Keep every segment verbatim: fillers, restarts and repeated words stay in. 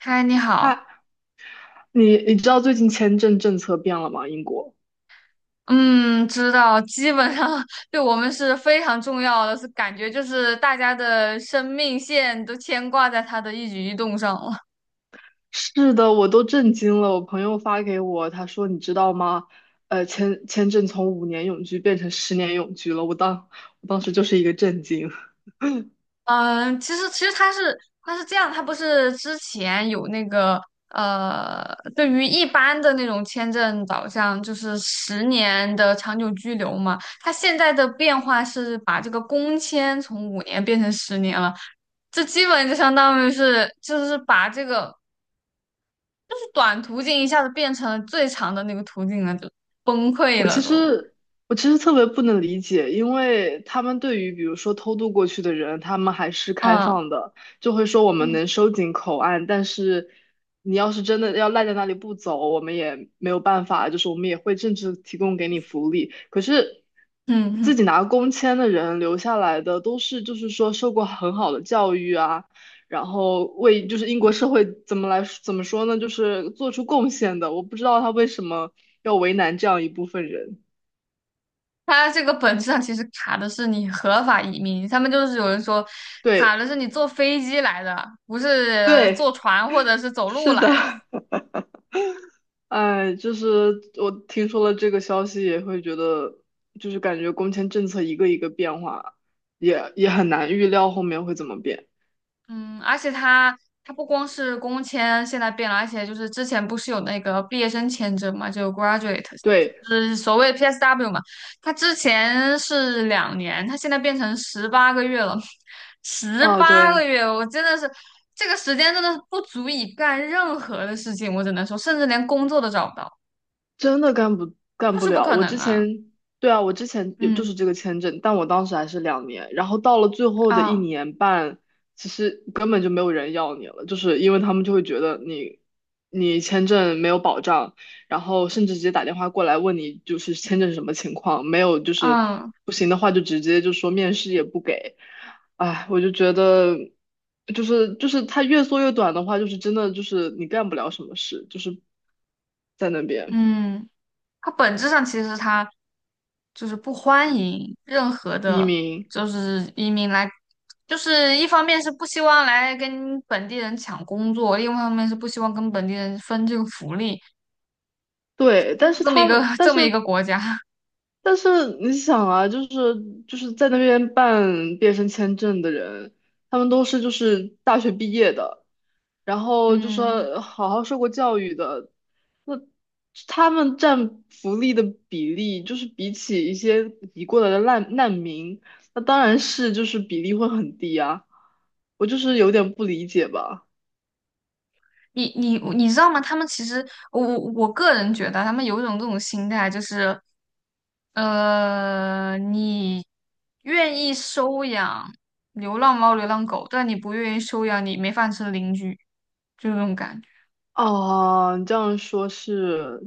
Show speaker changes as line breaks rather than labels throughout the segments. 嗨，你好。
他，你你知道最近签证政策变了吗？英国。
嗯，知道，基本上 对我们是非常重要的，是感觉就是大家的生命线都牵挂在他的一举一动上了。
是的，我都震惊了。我朋友发给我，他说：“你知道吗？呃，签签证从五年永居变成十年永居了。”我当我当时就是一个震惊。
嗯，其实其实他是他是这样，他不是之前有那个呃，对于一般的那种签证导向，就是十年的长久居留嘛。他现在的变化是把这个工签从五年变成十年了，这基本就相当于是就是把这个。就是短途径一下子变成了最长的那个途径了，就崩溃
我
了
其
都。
实我其实特别不能理解，因为他们对于比如说偷渡过去的人，他们还是开
嗯。
放的，就会说我们
嗯。
能收紧口岸，但是你要是真的要赖在那里不走，我们也没有办法，就是我们也会政治提供给你福利。可是
嗯
自
哼。
己拿工签的人留下来的，都是就是说受过很好的教育啊。然后为就是英国社会怎么来怎么说呢，就是做出贡献的。我不知道他为什么要为难这样一部分人。
它这个本质上其实卡的是你合法移民，他们就是有人说卡的
对
是你坐飞机来的，不是坐
对，
船或者是走路
是的，
来的。
哎，就是我听说了这个消息，也会觉得就是感觉工签政策一个一个变化，也也很难预料后面会怎么变。
嗯，而且他他不光是工签现在变了，而且就是之前不是有那个毕业生签证嘛，就 graduate，就
对，
是所谓的 P S W 嘛。他之前是两年，他现在变成十八个月了，十
啊，
八个
对。
月，我真的是这个时间真的是不足以干任何的事情，我只能说，甚至连工作都找不到，
真的干不干
就
不
是不
了。
可
我
能
之
啊。
前，对啊，我之前有就
嗯。
是这个签证，但我当时还是两年，然后到了最后的一
啊。
年半，其实根本就没有人要你了，就是因为他们就会觉得你你签证没有保障，然后甚至直接打电话过来问你就是签证什么情况，没有就是
嗯。
不行的话就直接就说面试也不给，哎，我就觉得。就是就是它越缩越短的话，就是真的就是你干不了什么事，就是在那边。
嗯，它本质上其实它就是不欢迎任何
移
的，
民，
就是移民来，就是一方面是不希望来跟本地人抢工作，另外一方面是不希望跟本地人分这个福利，
对，
就
但
是
是
这么一
他
个
们，但
这么一个
是
国家。
但是你想啊，就是就是在那边办毕业生签证的人，他们都是就是大学毕业的，然后就
嗯，
说好好受过教育的，那他们占福利的比例，就是比起一些移过来的难难民，那当然是就是比例会很低啊，我就是有点不理解吧。
你你你知道吗？他们其实我我我个人觉得，他们有一种这种心态，就是呃，你愿意收养流浪猫、流浪狗，但你不愿意收养你没饭吃的邻居，就这种感觉。
哦，你这样说是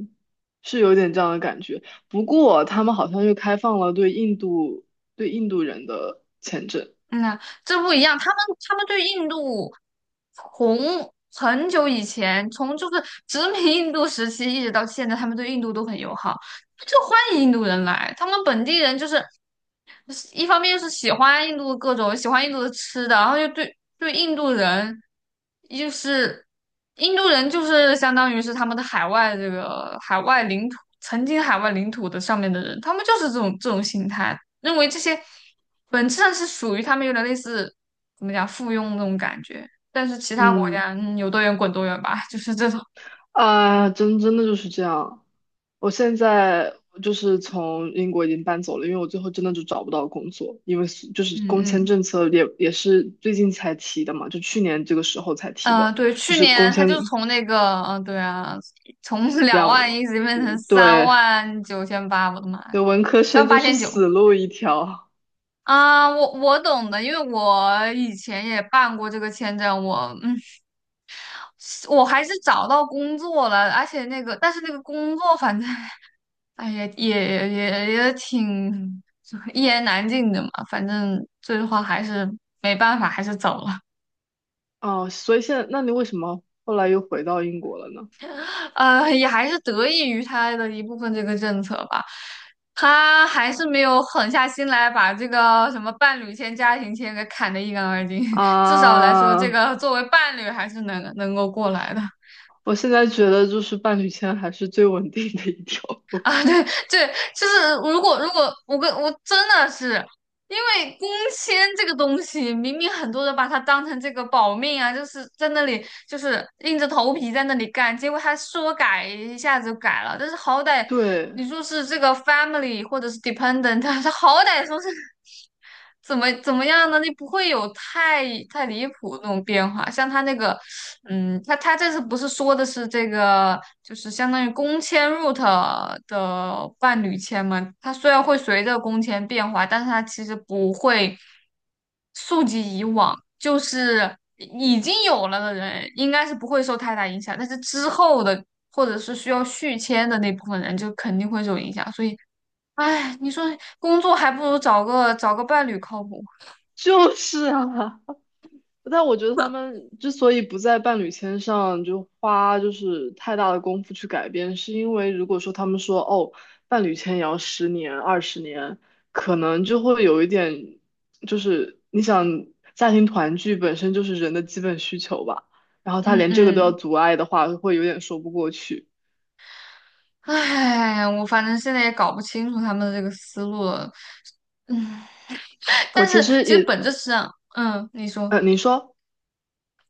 是有点这样的感觉。不过他们好像又开放了对印度对印度人的签证。
嗯呐，这不一样。他们他们对印度从很久以前，从就是殖民印度时期一直到现在，他们对印度都很友好，就欢迎印度人来。他们本地人就是一方面是喜欢印度的各种，喜欢印度的吃的，然后又对对印度人，就是印度人就是相当于是他们的海外这个海外领土，曾经海外领土的上面的人，他们就是这种这种心态。认为这些本质上是属于他们有点类似怎么讲附庸那种感觉，但是其他国
嗯，
家嗯有多远滚多远吧，就是这种。
啊，真真的就是这样。我现在就是从英国已经搬走了，因为我最后真的就找不到工作，因为是就是
嗯。
工签
嗯。
政策也也是最近才提的嘛，就去年这个时候才提
呃
的，
对，
就
去
是工
年他就是
签
从那个嗯、呃对啊，从 两
两，
万一直变成
嗯，
三
对，
万九千八，我的妈呀，
对，文科
三万
生就
八
是
千九。
死路一条。
啊，我我懂的，因为我以前也办过这个签证，我嗯，我还是找到工作了，而且那个，但是那个工作反正 哎，也也也也挺一言难尽的嘛。反正最后还是没办法，还是走了。
哦，所以现在，那你为什么后来又回到英国了呢？
呃，也还是得益于他的一部分这个政策吧，他还是没有狠下心来把这个什么伴侣签、家庭签给砍得一干二净。至少来说，这
啊，
个作为伴侣还是能能够过来的。
我现在觉得就是伴侣签还是最稳定的一条路。
啊，对。对，就是如果如果我跟我真的是因为工签这个东西，明明很多人把它当成这个保命啊，就是在那里就是硬着头皮在那里干，结果他说改一下子就改了，但是好歹
对，
你说是这个 family 或者是 dependent，他好歹说是怎么怎么样呢？你不会有太太离谱的那种变化，像他那个嗯，他他这次不是说的是这个，就是相当于工签入 o 的伴侣签吗？它虽然会随着工签变化，但是它其实不会溯及以往，就是已经有了的人应该是不会受太大影响，但是之后的或者是需要续签的那部分人就肯定会受影响。所以，哎，你说工作还不如找个找个伴侣靠谱。
就是啊，但我觉得他们之所以不在伴侣签上就花就是太大的功夫去改变，是因为如果说他们说哦，伴侣签也要十年、二十年，可能就会有一点，就是你想家庭团聚本身就是人的基本需求吧，然后他
嗯。
连这个都要
嗯。
阻碍的话，会有点说不过去。
唉，我反正现在也搞不清楚他们的这个思路了。嗯，
我
但
其
是
实
其实
也，
本质上，嗯，你说，
呃，你说。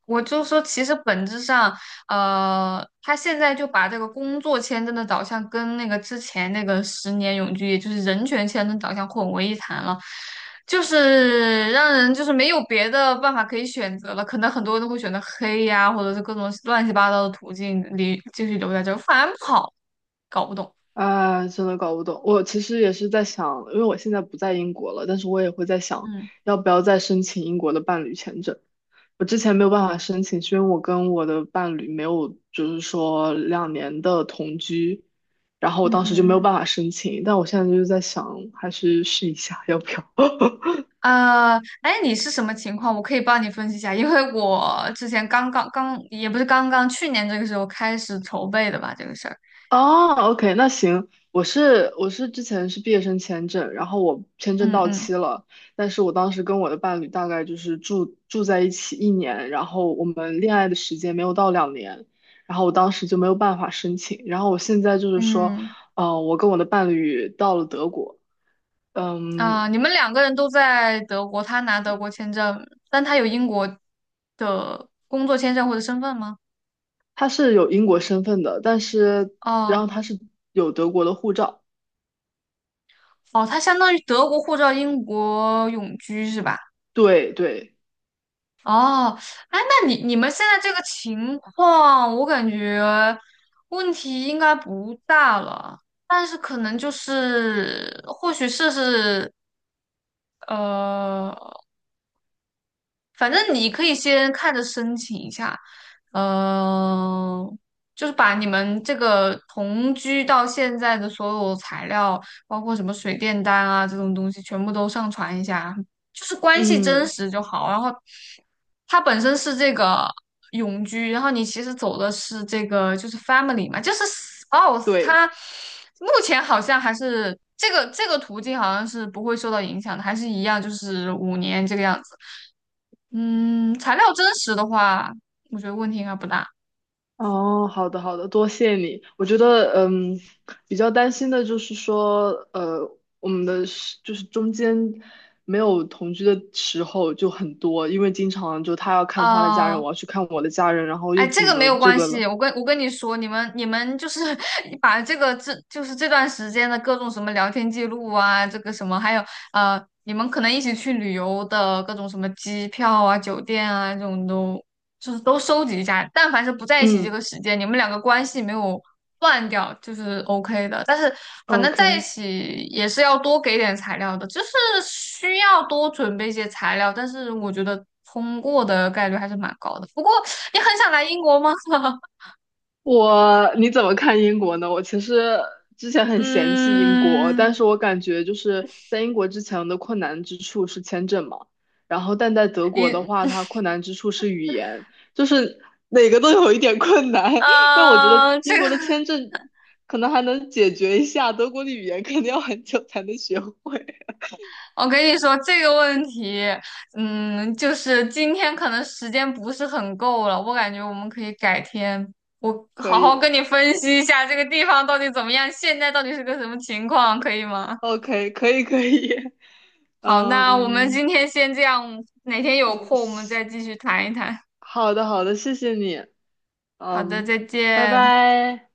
我就说，其实本质上，呃，他现在就把这个工作签证的导向跟那个之前那个十年永居，也就是人权签证导向混为一谈了，就是让人就是没有别的办法可以选择了。可能很多人都会选择黑呀，或者是各种乱七八糟的途径里继续留在这儿，反而不好，搞不懂。
啊，真的搞不懂。我其实也是在想，因为我现在不在英国了，但是我也会在想，
嗯。
要不要再申请英国的伴侣签证。我之前没有办法申请，是因为我跟我的伴侣没有，就是说两年的同居，然后我
嗯。
当时
嗯。
就没有
嗯。
办法申请。但我现在就是在想，还是试一下，要不要？
啊，哎，你是什么情况？我可以帮你分析一下，因为我之前刚刚刚也不是刚刚，去年这个时候开始筹备的吧，这个事儿。
哦，OK，那行，我是我是之前是毕业生签证，然后我签证
嗯。
到
嗯。
期了，但是我当时跟我的伴侣大概就是住住在一起一年，然后我们恋爱的时间没有到两年，然后我当时就没有办法申请，然后我现在就是说，
嗯，
呃，我跟我的伴侣到了德国，嗯，
啊，你们两个人都在德国，他拿德国签证，但他有英国的工作签证或者身份吗？
他是有英国身份的，但是然
哦。
后他是有德国的护照，
哦，他相当于德国护照、英国永居是吧？
对对，
哦，哎，那你你们现在这个情况，我感觉问题应该不大了，但是可能就是或许试试，呃，反正你可以先看着申请一下，呃，就是把你们这个同居到现在的所有材料，包括什么水电单啊这种东西，全部都上传一下，就是关系真
嗯，
实就好。然后它本身是这个永居，然后你其实走的是这个就是 family 嘛，就是 spouse。
对。
它目前好像还是这个这个途径好像是不会受到影响的，还是一样就是五年这个样子。嗯，材料真实的话，我觉得问题应该不大。
哦，好的好的，多谢你。我觉得，嗯，比较担心的就是说，呃，我们的时就是中间没有同居的时候就很多，因为经常就他要看他的家人，
啊。
我要去看我的家人，然后
哎，
又
这
怎
个没
么
有
这
关
个了。
系，我跟我跟你说，你们你们就是 把这个这就是这段时间的各种什么聊天记录啊，这个什么，还有呃，你们可能一起去旅游的各种什么机票啊、酒店啊这种都就是都收集一下。但凡是不在一起这个
嗯
时间，你们两个关系没有断掉，就是 OK 的。但是反正在一
，OK。
起也是要多给点材料的，就是需要多准备一些材料。但是我觉得通过的概率还是蛮高的。不过。你很想来英国吗？
我你怎么看英国呢？我其实之前很嫌弃英国，
嗯，
但是我感觉就是在英国之前的困难之处是签证嘛，然后但在德国的
你，
话，它困难之处是语言，就是哪个都有一点困难。但我觉得
嗯、呃这
英
个
国的签证可能还能解决一下，德国的语言肯定要很久才能学会。
我跟你说，这个问题，嗯，就是今天可能时间不是很够了，我感觉我们可以改天，我
可
好好跟
以
你分析一下这个地方到底怎么样，现在到底是个什么情况，可以吗？
，OK，可以可以，
好，那我们
嗯，
今天先这样，哪天有空我们再继续谈一谈。
好的好的，谢谢你，
好的，
嗯，
再
拜
见。
拜。